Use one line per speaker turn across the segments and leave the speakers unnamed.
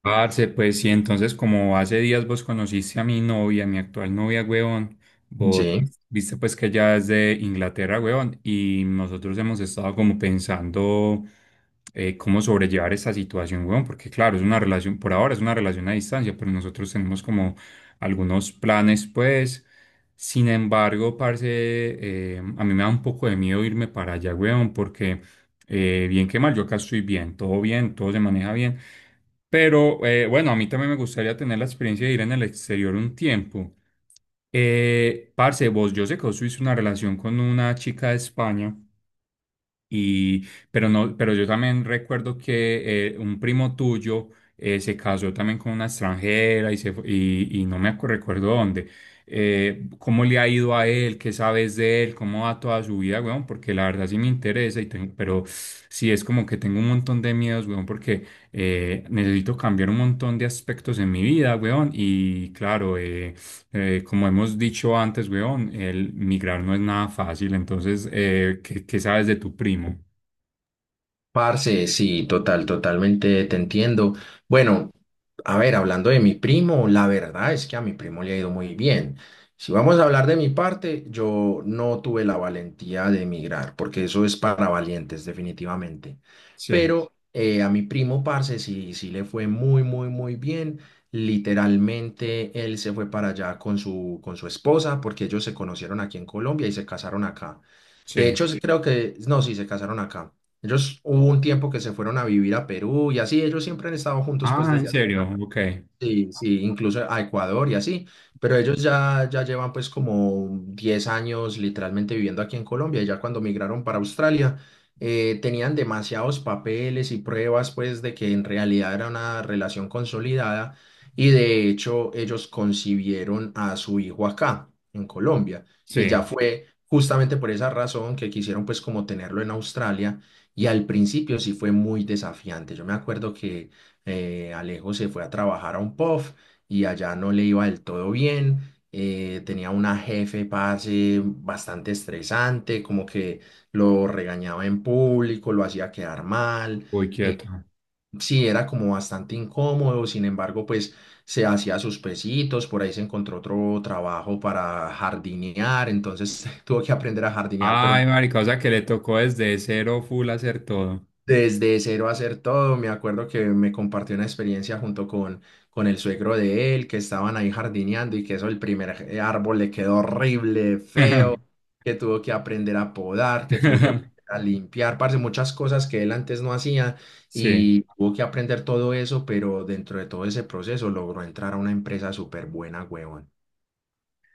Parce, pues sí, entonces como hace días vos conociste a mi novia, mi actual novia, huevón, vos
Sí,
viste pues que ella es de Inglaterra, huevón, y nosotros hemos estado como pensando cómo sobrellevar esta situación, huevón, porque claro, es una relación, por ahora es una relación a distancia, pero nosotros tenemos como algunos planes, pues. Sin embargo, parce, a mí me da un poco de miedo irme para allá, huevón, porque... bien que mal, yo acá estoy bien, todo se maneja bien. Pero bueno, a mí también me gustaría tener la experiencia de ir en el exterior un tiempo. Parce, vos, yo sé que vos tuviste una relación con una chica de España. Y, pero no, pero yo también recuerdo que un primo tuyo se casó también con una extranjera y, se, y, no me recuerdo dónde. ¿Cómo le ha ido a él? ¿Qué sabes de él? ¿Cómo va toda su vida, weón? Porque la verdad sí me interesa, y pero sí es como que tengo un montón de miedos, weón, porque necesito cambiar un montón de aspectos en mi vida, weón. Y claro, como hemos dicho antes, weón, el migrar no es nada fácil. Entonces, ¿qué, qué sabes de tu primo?
parce, sí, total, totalmente te entiendo. Bueno, a ver, hablando de mi primo, la verdad es que a mi primo le ha ido muy bien. Si vamos a hablar de mi parte, yo no tuve la valentía de emigrar, porque eso es para valientes, definitivamente.
Sí,
Pero a mi primo, parce, sí, sí le fue muy, muy, muy bien. Literalmente, él se fue para allá con su esposa, porque ellos se conocieron aquí en Colombia y se casaron acá. De
sí.
hecho, sí creo que, no, sí, se casaron acá. Ellos hubo un tiempo que se fueron a vivir a Perú y así, ellos siempre han estado juntos pues
Ah, ¿en
desde hace
serio?
ya.
Ok.
Sí, sí, incluso a Ecuador y así, pero ellos ya llevan pues como 10 años literalmente viviendo aquí en Colombia, y ya cuando migraron para Australia tenían demasiados papeles y pruebas pues de que en realidad era una relación consolidada, y de hecho ellos concibieron a su hijo acá en Colombia, y ya
Sí.
fue justamente por esa razón que quisieron pues como tenerlo en Australia. Y al principio sí fue muy desafiante. Yo me acuerdo que Alejo se fue a trabajar a un pub y allá no le iba del todo bien. Tenía una jefe, parce, bastante estresante, como que lo regañaba en público, lo hacía quedar mal.
Muy quieto.
Sí, era como bastante incómodo, sin embargo, pues se hacía sus pesitos, por ahí se encontró otro trabajo para jardinear, entonces tuvo que aprender a jardinear,
Ay,
pero
marica, o sea que le tocó desde cero full hacer todo.
desde cero hacer todo. Me acuerdo que me compartió una experiencia junto con el suegro de él, que estaban ahí jardineando, y que eso, el primer árbol le quedó horrible, feo, que tuvo que aprender a podar, que tuvo que aprender a limpiar, parce, muchas cosas que él antes no hacía
Sí.
y tuvo que aprender todo eso. Pero dentro de todo ese proceso logró entrar a una empresa súper buena, huevón.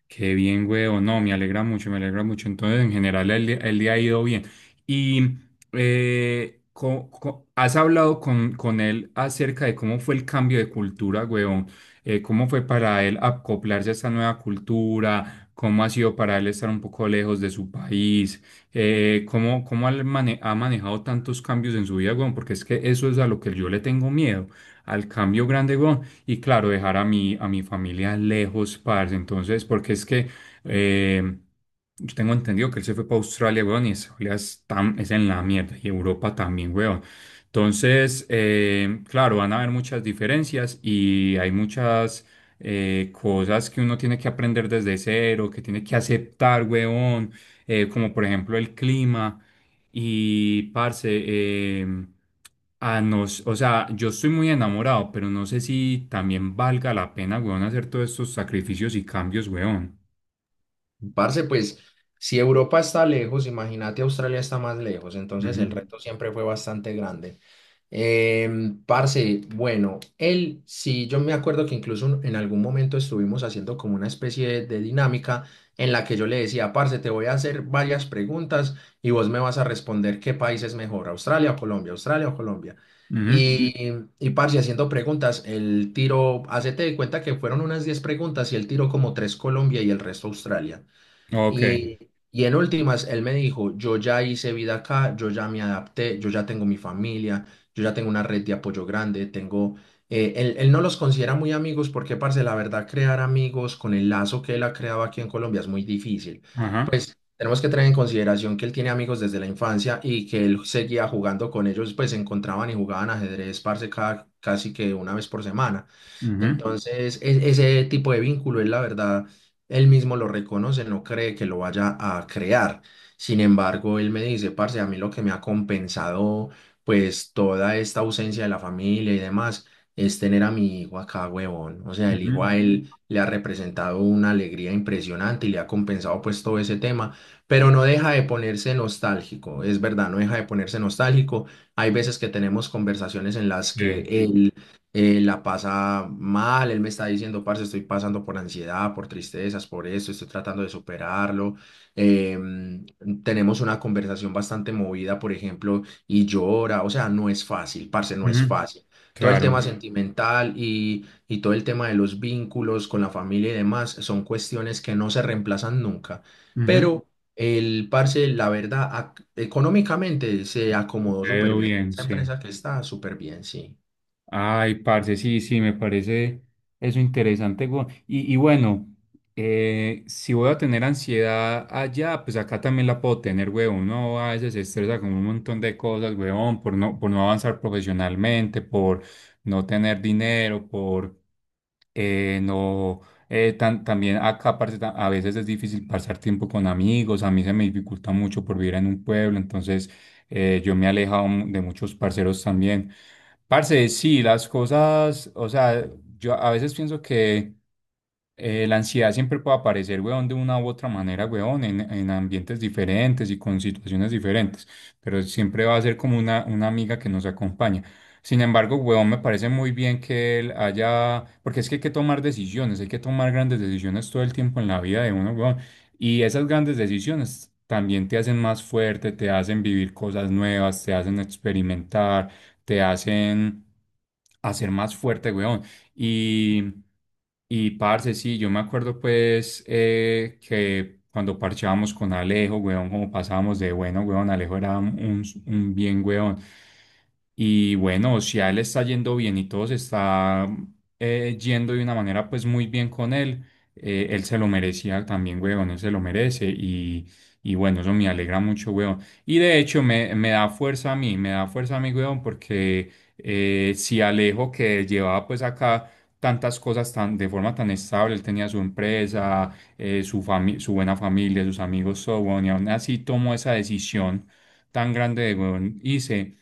Qué bien, huevo. No, me alegra mucho, me alegra mucho. Entonces, en general, día el día ha ido bien. Y has hablado con él acerca de cómo fue el cambio de cultura, huevón. Cómo fue para él acoplarse a esta nueva cultura, cómo ha sido para él estar un poco lejos de su país, cómo, ha manejado tantos cambios en su vida, huevón, porque es que eso es a lo que yo le tengo miedo, al cambio grande, huevón, y claro, dejar a mi familia lejos, parce. Entonces, porque es que eh, yo tengo entendido que él se fue para Australia, weón, y Australia es, es en la mierda, y Europa también, weón. Entonces, claro, van a haber muchas diferencias y hay muchas cosas que uno tiene que aprender desde cero, que tiene que aceptar, weón, como por ejemplo el clima. Y, parce, em, o sea, yo estoy muy enamorado, pero no sé si también valga la pena, weón, hacer todos estos sacrificios y cambios, weón.
Parce, pues si Europa está lejos, imagínate, Australia está más lejos, entonces
Ujú,
el reto siempre fue bastante grande. Parce, bueno, él, sí, yo me acuerdo que incluso en algún momento estuvimos haciendo como una especie de dinámica en la que yo le decía, parce, te voy a hacer varias preguntas, y vos me vas a responder qué país es mejor, Australia o Colombia, Australia o Colombia.
ujú,
Y, y, parce, haciendo preguntas, el tiro, hacete de cuenta que fueron unas 10 preguntas, y el tiro como tres Colombia y el resto Australia.
ok.
Y, y, en últimas, él me dijo, yo ya hice vida acá, yo ya me adapté, yo ya tengo mi familia, yo ya tengo una red de apoyo grande, tengo... Él no los considera muy amigos porque, parce, la verdad, crear amigos con el lazo que él ha creado aquí en Colombia es muy difícil.
Ajá.
Tenemos que tener en consideración que él tiene amigos desde la infancia y que él seguía jugando con ellos, pues se encontraban y jugaban ajedrez, parce, casi que una vez por semana.
Ujú,
Entonces, ese tipo de vínculo, él la verdad, él mismo lo reconoce, no cree que lo vaya a crear. Sin embargo, él me dice, parce, a mí lo que me ha compensado, pues, toda esta ausencia de la familia y demás, es tener a mi hijo acá, huevón. O sea, el hijo a
ujú,
él le ha representado una alegría impresionante y le ha compensado, pues, todo ese tema, pero no deja de ponerse nostálgico, es verdad, no deja de ponerse nostálgico. Hay veces que tenemos conversaciones en las que
sí.
sí. Él la pasa mal, él me está diciendo, parce, estoy pasando por ansiedad, por tristezas, por esto, estoy tratando de superarlo. Em, Tenemos una conversación bastante movida, por ejemplo, y llora. O sea, no es fácil, parce, no es
Ujú,
fácil. Todo el tema
claro.
sentimental y todo el tema de los vínculos con la familia y demás son cuestiones que no se reemplazan nunca,
Ujú,
pero el parce, la verdad, económicamente se acomodó súper
veo
bien.
bien,
Esa
sí.
empresa que está súper bien, sí.
Ay, parce, sí, sí, me parece eso interesante. Y bueno, si voy a tener ansiedad allá, pues acá también la puedo tener, huevón. Uno a veces se estresa con un montón de cosas, huevón, por no avanzar profesionalmente, por no tener dinero, por no, tan- también acá parce, a veces es difícil pasar tiempo con amigos, a mí se me dificulta mucho por vivir en un pueblo, entonces yo me he alejado de muchos parceros también. Parce, sí, las cosas, o sea, yo a veces pienso que la ansiedad siempre puede aparecer, weón, de una u otra manera, weón, en ambientes diferentes y con situaciones diferentes, pero siempre va a ser como una amiga que nos acompaña. Sin embargo, weón, me parece muy bien que él haya, porque es que hay que tomar decisiones, hay que tomar grandes decisiones todo el tiempo en la vida de uno, weón. Y esas grandes decisiones también te hacen más fuerte, te hacen vivir cosas nuevas, te hacen experimentar, te hacen hacer más fuerte, weón. Y, y parce, sí, yo me acuerdo pues que cuando parchábamos con Alejo, weón, como pasábamos de bueno, weón, Alejo era un bien weón. Y bueno, si a él le está yendo bien y todo se está yendo de una manera pues muy bien con él, él se lo merecía también, weón, él se lo merece y bueno, eso me alegra mucho, weón. Y de hecho me, me da fuerza a mí, me da fuerza a mí, weón, porque si Alejo que llevaba pues acá tantas cosas tan, de forma tan estable. Él tenía su empresa, su buena familia, sus amigos, so on, y aún así tomó esa decisión tan grande de, weón, hice,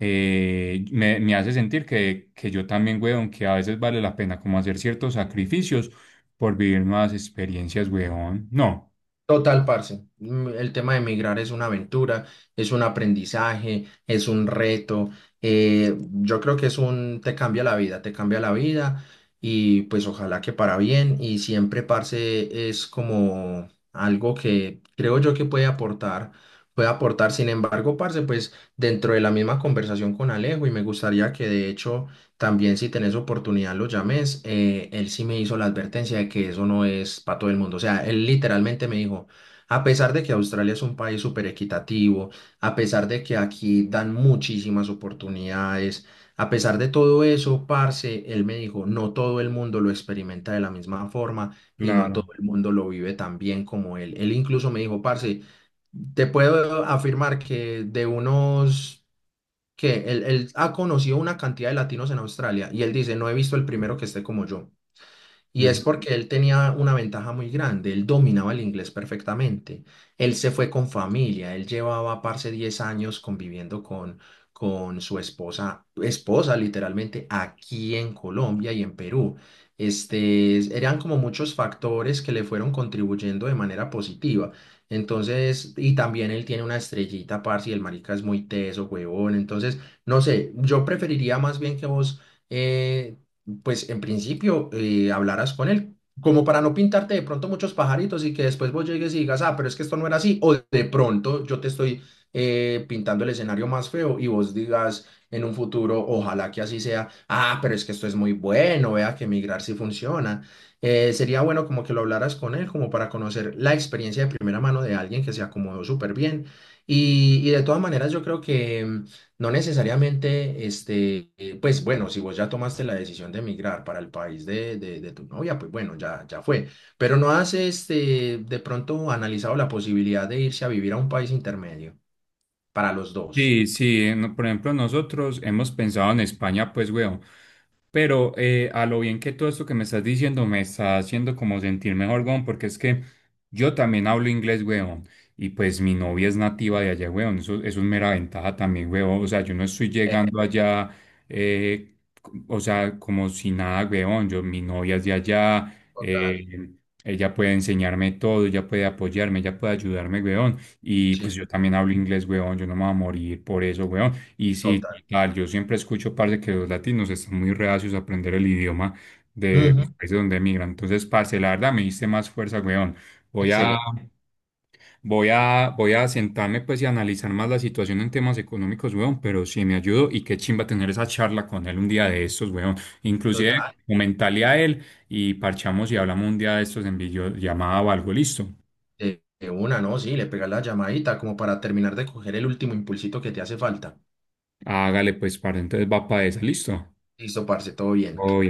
me hace sentir que yo también, weón, que a veces vale la pena como hacer ciertos sacrificios por vivir nuevas experiencias, weón. No,
Total, parce. El tema de emigrar es una aventura, es un aprendizaje, es un reto. Yo creo que es un, te cambia la vida, te cambia la vida, y pues ojalá que para bien. Y siempre, parce, es como algo que creo yo que puede aportar, puede aportar. Sin embargo, parce, pues dentro de la misma conversación con Alejo, y me gustaría que de hecho también, si tenés oportunidad, lo llames. Él sí me hizo la advertencia de que eso no es para todo el mundo. O sea, él literalmente me dijo, a pesar de que Australia es un país súper equitativo, a pesar de que aquí dan muchísimas oportunidades, a pesar de todo eso, parce, él me dijo, no todo el mundo lo experimenta de la misma forma y no
claro.
todo el mundo lo vive tan bien como él. Él incluso me dijo, parce, te puedo afirmar que de unos que él ha conocido una cantidad de latinos en Australia, y él dice, no he visto el primero que esté como yo. Y es porque él tenía una ventaja muy grande, él dominaba el inglés perfectamente, él se fue con familia, él llevaba, parce, 10 años conviviendo con su esposa, esposa literalmente, aquí en Colombia y en Perú. Este, eran como muchos factores que le fueron contribuyendo de manera positiva. Entonces, y también él tiene una estrellita, parce, y el marica es muy teso, huevón. Entonces, no sé, yo preferiría más bien que vos eh, pues en principio hablaras con él, como para no pintarte de pronto muchos pajaritos, y que después vos llegues y digas, ah, pero es que esto no era así, o de pronto yo te estoy pintando el escenario más feo y vos digas en un futuro, ojalá que así sea, ah, pero es que esto es muy bueno, vea que migrar sí funciona. Sería bueno como que lo hablaras con él, como para conocer la experiencia de primera mano de alguien que se acomodó súper bien. Y de todas maneras, yo creo que... No necesariamente, pues bueno, si vos ya tomaste la decisión de emigrar para el país de, de tu novia, pues bueno, ya, ya fue. Pero no has, de pronto, analizado la posibilidad de irse a vivir a un país intermedio para los dos.
Sí, sí, por ejemplo, nosotros hemos pensado en España, pues, weón, pero a lo bien que todo esto que me estás diciendo me está haciendo como sentir mejor, weón, porque es que yo también hablo inglés, weón, y pues mi novia es nativa de allá, weón, eso es mera ventaja también, weón, o sea, yo no estoy llegando allá, eh, o sea, como si nada, weón, yo, mi novia es de allá,
Total,
eh, ella puede enseñarme todo, ella puede apoyarme, ella puede ayudarme, weón. Y
sí,
pues yo también hablo inglés, weón, yo no me voy a morir por eso, weón. Y sí,
total.
tal, yo siempre escucho, parce, que los latinos están muy reacios a aprender el idioma de los
Ujú.
países donde emigran. Entonces, parce, la verdad me diste más fuerza, weón. Voy a,
Excelente,
Voy a sentarme, pues, y analizar más la situación en temas económicos, weón, pero sí me ayudo y qué chimba tener esa charla con él un día de estos, weón. Inclusive,
total.
comentarle a él y parchamos y hablamos un día de estos en videollamada o algo, listo.
De una, ¿no? Sí, le pegas la llamadita como para terminar de coger el último impulsito que te hace falta.
Hágale, pues, parce, entonces va para esa, listo.
Listo, parce, todo bien.
Uy,